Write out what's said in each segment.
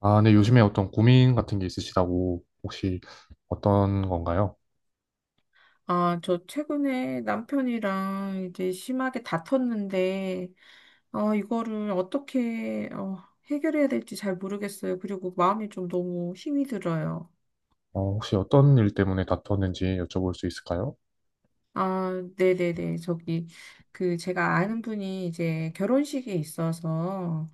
아, 네, 요즘에 어떤 고민 같은 게 있으시다고 혹시 어떤 건가요? 아, 저 최근에 남편이랑 이제 심하게 다퉜는데, 이거를 어떻게, 해결해야 될지 잘 모르겠어요. 그리고 마음이 좀 너무 힘이 들어요. 어, 혹시 어떤 일 때문에 다투었는지 여쭤볼 수 있을까요? 아, 네네네. 저기, 그, 제가 아는 분이 이제 결혼식에 있어서,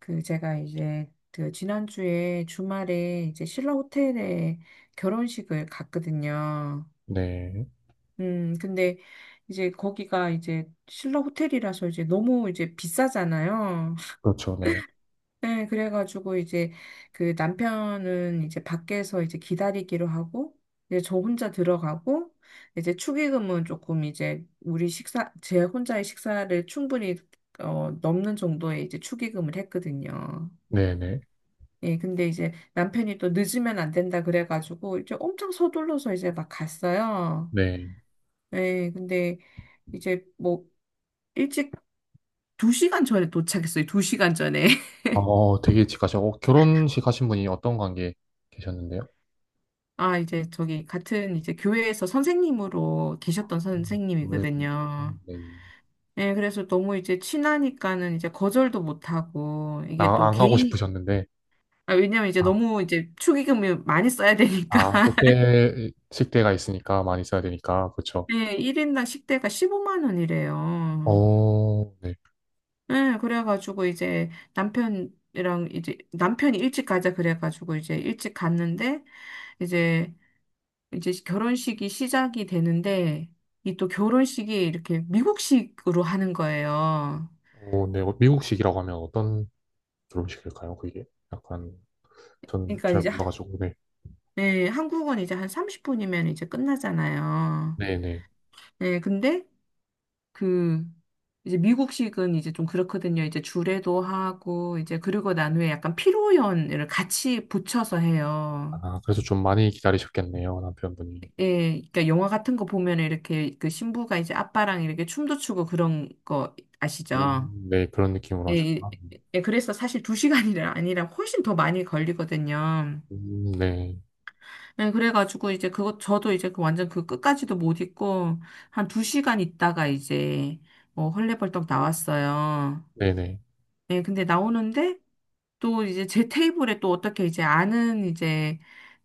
그, 제가 이제, 그, 지난주에 주말에 이제 신라 호텔에 결혼식을 갔거든요. 네, 근데 이제 거기가 이제 신라 호텔이라서 이제 너무 이제 비싸잖아요. 그렇죠, 네, 네, 그래가지고 이제 그 남편은 이제 밖에서 이제 기다리기로 하고, 이제 저 혼자 들어가고, 이제 축의금은 조금 이제 우리 식사, 제 혼자의 식사를 충분히 넘는 정도의 이제 축의금을 했거든요. 네, 네, 예, 근데 이제 남편이 또 늦으면 안 된다 그래가지고 이제 엄청 서둘러서 이제 막 갔어요. 네. 예, 근데 이제 뭐 일찍 2시간 전에 도착했어요. 2시간 전에. 어, 되게 직하셔. 어, 결혼식 하신 분이 어떤 관계에 계셨는데요? 아, 이제 저기 같은 이제 교회에서 선생님으로 계셨던 음, 왜 그러지? 선생님이거든요. 네. 예, 그래서 너무 이제 친하니까는 이제 거절도 못하고, 이게 아, 또 안 가고 개인, 싶으셨는데. 아, 왜냐면 이제 아, 너무 이제 축의금을 많이 써야 되니까. 아, 호텔 식대가 있으니까 많이 써야 되니까, 그렇죠. 예, 1인당 식대가 15만 원이래요. 어, 네. 예, 그래가지고 이제 남편이랑 이제 남편이 일찍 가자 그래가지고 이제 일찍 갔는데, 이제 이제 결혼식이 시작이 되는데 이 또 결혼식이 이렇게 미국식으로 하는 거예요. 어, 네, 미국식이라고 하면 어떤 결혼식일까요? 그게 약간. 저는 그러니까 잘 이제 몰라가지고, 네. 네, 한국은 이제 한 30분이면 이제 끝나잖아요. 네네. 네, 근데 그 이제 미국식은 이제 좀 그렇거든요. 이제 주례도 하고 이제 그리고 난 후에 약간 피로연을 같이 붙여서 해요. 아, 그래서 좀 많이 기다리셨겠네요, 남편분이. 예, 그러니까 영화 같은 거 보면 이렇게 그 신부가 이제 아빠랑 이렇게 춤도 추고 그런 거 아시죠? 네, 그런 느낌으로 예, 하셨구나. 예, 그래서 사실 두 시간이 아니라 훨씬 더 많이 걸리거든요. 네. 예, 그래가지고 이제 그거, 저도 이제 그 완전 그 끝까지도 못 있고, 한 2시간 있다가 이제, 헐레벌떡 나왔어요. 네네. 예, 근데 나오는데, 또 이제 제 테이블에 또 어떻게 이제 아는 이제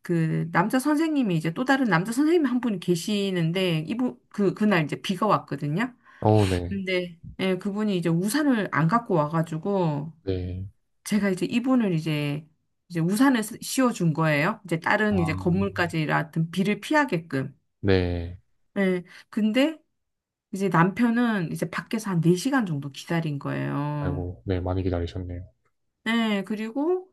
그 남자 선생님이 이제 또 다른 남자 선생님 한 분이 계시는데, 이분, 그, 그날 이제 비가 왔거든요. 어, 네. 근데, 예, 그분이 이제 우산을 안 갖고 와가지고, 네. 제가 이제 이분을 이제 우산을 씌워준 거예요. 이제 아, 다른 이제 건물까지 같은 비를 피하게끔. 네. 예. 근데 이제 남편은 이제 밖에서 한 4시간 정도 기다린 거예요. 아이고, 네, 많이 기다리셨네요. 예. 그리고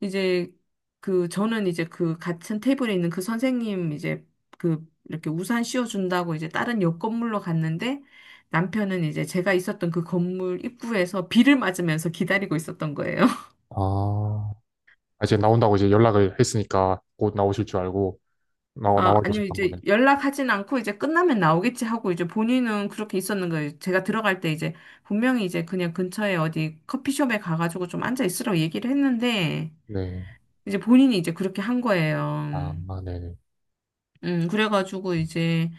이제 그 저는 이제 그 같은 테이블에 있는 그 선생님 이제 그 이렇게 우산 씌워준다고 이제 다른 옆 건물로 갔는데 남편은 이제 제가 있었던 그 건물 입구에서 비를 맞으면서 기다리고 있었던 거예요. 아, 아, 이제 나온다고 이제 연락을 했으니까 곧 나오실 줄 알고 나와, 아, 나와 아니요, 계셨던 이제 거네. 연락하진 않고 이제 끝나면 나오겠지 하고 이제 본인은 그렇게 있었는 거예요. 제가 들어갈 때 이제 분명히 이제 그냥 근처에 어디 커피숍에 가가지고 좀 앉아 있으라고 얘기를 했는데 네. 이제 본인이 이제 그렇게 한 거예요. 아, 아, 네네. 그래가지고 이제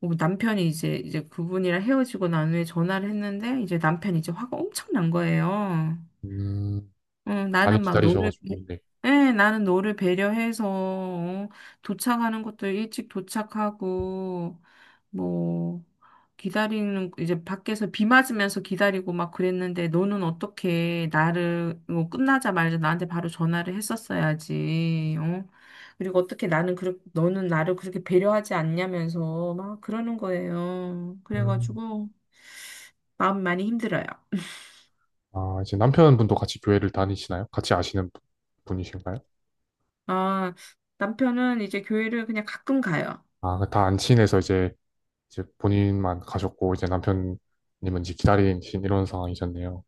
뭐 남편이 이제 그분이랑 헤어지고 난 후에 전화를 했는데 이제 남편이 이제 화가 엄청 난 거예요. 음, 많이 나는 막 너를, 기다리셔가지고, 네. 예, 나는 너를 배려해서, 도착하는 것도 일찍 도착하고, 뭐, 기다리는, 이제 밖에서 비 맞으면서 기다리고 막 그랬는데, 너는 어떻게 나를, 뭐, 끝나자마자 나한테 바로 전화를 했었어야지, 어? 그리고 어떻게 나는, 너는 나를 그렇게 배려하지 않냐면서 막 그러는 거예요. 음. 그래가지고, 마음 많이 힘들어요. 아, 이제 남편분도 같이 교회를 다니시나요? 같이 아시는 분이신가요? 아, 남편은 이제 교회를 그냥 가끔 가요. 아, 다 안 친해서 이제 이제 본인만 가셨고 이제 남편님은 이제 기다리신 이런 상황이셨네요.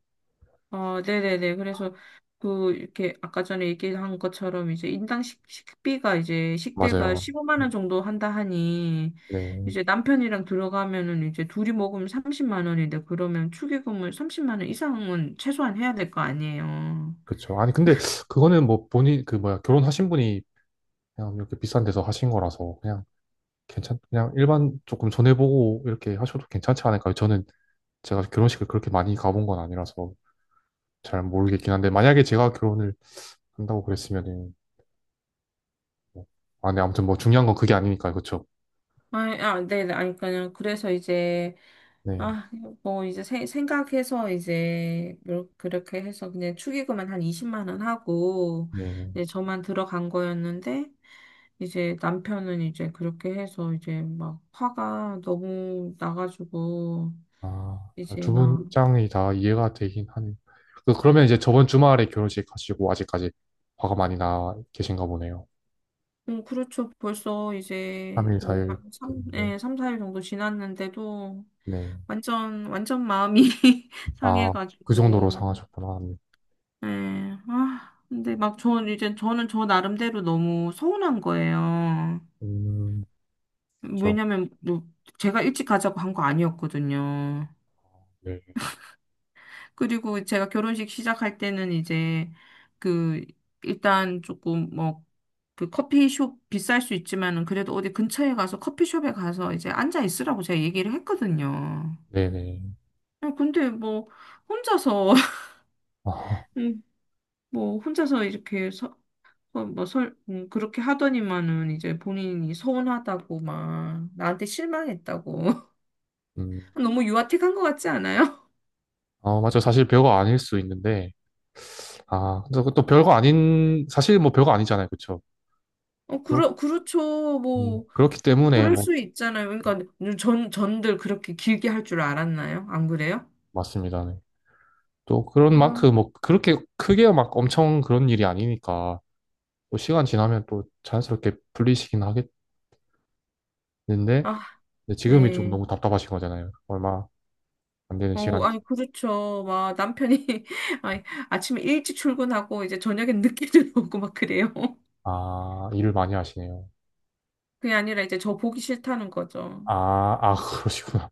어, 네네네. 그래서 그 이렇게 아까 전에 얘기한 것처럼 이제 인당 식비가 이제 식대가 맞아요. 15만 네. 원 정도 한다 하니 네, 이제 남편이랑 들어가면은 이제 둘이 먹으면 30만 원인데 그러면 축의금을 30만 원 이상은 최소한 해야 될 거 아니에요. 그렇죠. 아니 근데 그거는 뭐 본인 그 뭐야 결혼하신 분이 그냥 이렇게 비싼 데서 하신 거라서 그냥 괜찮 그냥 일반 조금 전해보고 이렇게 하셔도 괜찮지 않을까요? 저는 제가 결혼식을 그렇게 많이 가본 건 아니라서 잘 모르겠긴 한데 만약에 제가 결혼을 한다고 그랬으면은 뭐, 아, 네, 아무튼 뭐 중요한 건 그게 아니니까요, 그렇죠? 아, 아, 네네. 아니, 그냥 그래서 이제 네, 아, 뭐 이제 생각해서 이제 그렇게 해서 그냥 축의금은 한 20만 원 하고 네. 이제 저만 들어간 거였는데 이제 남편은 이제 그렇게 해서 이제 막 화가 너무 나가지고 아, 이제 두 분 막 입장이 다 이해가 되긴 하네요. 그러면 이제 저번 주말에 결혼식 가시고 아직까지 화가 많이 나 계신가 보네요. 그렇죠. 벌써 이제 3일, 뭐 4일 한 3, 됐는데. 예, 삼 4일 정도 지났는데도 네. 완전 완전 마음이 아, 그 정도로 상해가지고 상하셨구나. 네. 네. 아, 근데 막 저는 이제 저는 저 나름대로 너무 서운한 거예요. 음, 그쵸. 왜냐면 뭐 제가 일찍 가자고 한 거 아니었거든요. 네. 그리고 제가 결혼식 시작할 때는 이제 그 일단 조금 뭐 그 커피숍 비쌀 수 있지만은 그래도 어디 근처에 가서 커피숍에 가서 이제 앉아 있으라고 제가 얘기를 했거든요. 네네. 아, 근데 뭐 혼자서 아, 음, 뭐 혼자서 이렇게 서 뭐 그렇게 하더니만은 이제 본인이 서운하다고 막 나한테 실망했다고 음. 너무 유아틱한 것 같지 않아요? 아, 맞죠. 사실 별거 아닐 수 있는데. 아, 근데 그것도 별거 아닌, 사실 뭐 별거 아니잖아요. 그쵸. 어, 그렇, 그렇죠. 뭐 그렇기 뭐 때문에 그럴 뭐, 수 있잖아요. 그러니까 전 전들 그렇게 길게 할 줄 알았나요? 안 그래요? 맞습니다. 네. 또 그런 아, 만큼 뭐 그렇게 크게 막 엄청 그런 일이 아니니까. 또 시간 지나면 또 자연스럽게 풀리시긴 하겠는데 근데 아, 지금이 좀 네. 너무 답답하신 거잖아요. 얼마 안 되는 시간이죠. 아니 그렇죠. 막 남편이 아니, 아침에 일찍 출근하고 이제 저녁엔 늦게 들어오고 막 그래요. 아, 일을 많이 하시네요. 그게 아니라 이제 저 보기 싫다는 거죠. 아, 아, 그러시구나.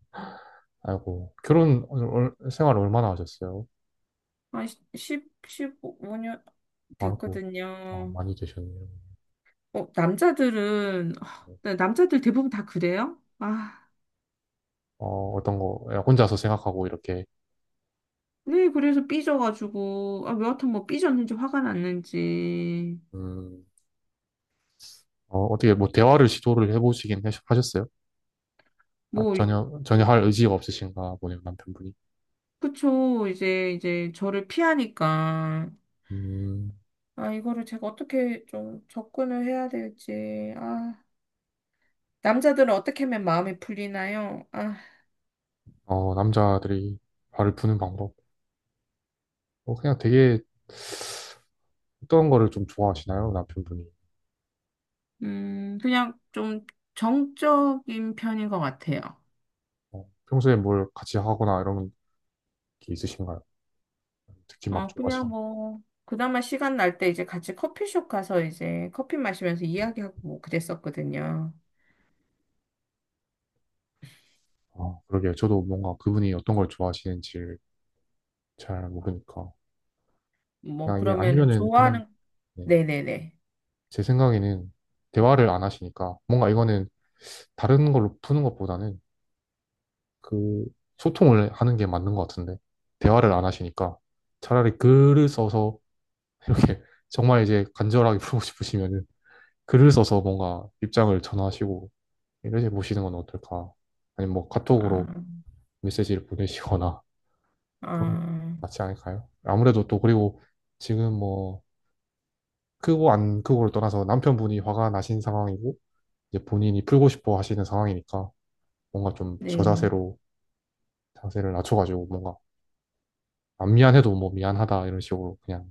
아이고, 결혼 생활 얼마나 하셨어요? 한1 15 5년 아이고, 아, 됐거든요. 많이 되셨네요. 남자들은, 네, 남자들 대부분 다 그래요? 아, 어, 어떤 거 혼자서 생각하고 이렇게 네, 그래서 삐져가지고, 아, 여하튼 뭐 삐졌는지 화가 났는지, 음, 어, 어떻게 뭐 대화를 시도를 하셨어요? 아, 뭐, 전혀 할 의지가 없으신가 보네요, 남편분이. 그쵸, 이제 저를 피하니까. 음, 아, 이거를 제가 어떻게 좀 접근을 해야 될지, 아. 남자들은 어떻게 하면 마음이 풀리나요? 아, 어, 남자들이 발을 푸는 방법. 어, 그냥 되게 어떤 거를 좀 좋아하시나요? 남편분이. 그냥 좀 정적인 편인 것 같아요. 어, 평소에 뭘 같이 하거나 이런 게 있으신가요? 특히 막 아, 그냥 좋아하시는. 뭐, 그나마 시간 날 때 이제 같이 커피숍 가서 이제 커피 마시면서 이야기하고 뭐 그랬었거든요. 아, 그러게요. 저도 뭔가 그분이 어떤 걸 좋아하시는지 잘 모르니까. 뭐, 그냥 이게 그러면 아니면은 그냥 좋아하는, 네, 네네네. 제 생각에는 대화를 안 하시니까 뭔가 이거는 다른 걸로 푸는 것보다는 그 소통을 하는 게 맞는 것 같은데 대화를 안 하시니까 차라리 글을 써서 이렇게 정말 이제 간절하게 풀고 싶으시면은 글을 써서 뭔가 입장을 전하시고 이렇게 보시는 건 어떨까? 아니면 뭐 아, 카톡으로 메시지를 보내시거나 그런 게 아, 낫지 않을까요? 아무래도 또 그리고 지금 뭐 크고 안 크고를 떠나서 남편분이 화가 나신 상황이고 이제 본인이 풀고 싶어 하시는 상황이니까 뭔가 좀 네. 저자세로 자세를 낮춰가지고 뭔가 안 미안해도 뭐 미안하다 이런 식으로 그냥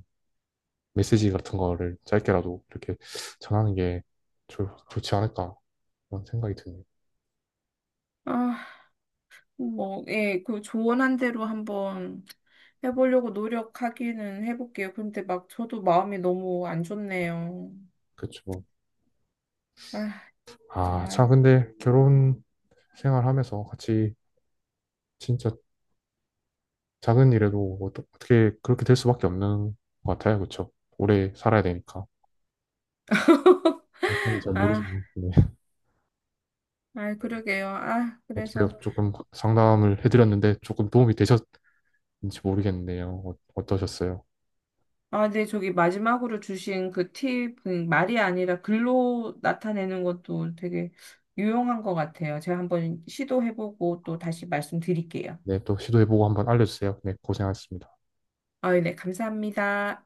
메시지 같은 거를 짧게라도 이렇게 전하는 게 좋지 않을까 그런 생각이 드네요. 아, 뭐, 예, 그 조언한 대로 한번 해보려고 노력하기는 해볼게요. 근데 막 저도 마음이 너무 안 좋네요. 그쵸. 아, 아, 참, 정말. 근데 결혼 생활하면서 같이 진짜 작은 일에도 어떻게 그렇게 될 수밖에 없는 것 같아요. 그쵸? 오래 살아야 되니까. 저는 잘 아, 모르지만, 네. 아, 그러게요. 아, 어떻게 그래서. 조금 상담을 해드렸는데 조금 도움이 되셨는지 모르겠네요. 어떠셨어요? 아, 네, 저기 마지막으로 주신 그 팁, 그 말이 아니라 글로 나타내는 것도 되게 유용한 것 같아요. 제가 한번 시도해보고 또 다시 말씀드릴게요. 네, 또 시도해보고 한번 알려주세요. 네, 고생하셨습니다. 아, 네, 감사합니다.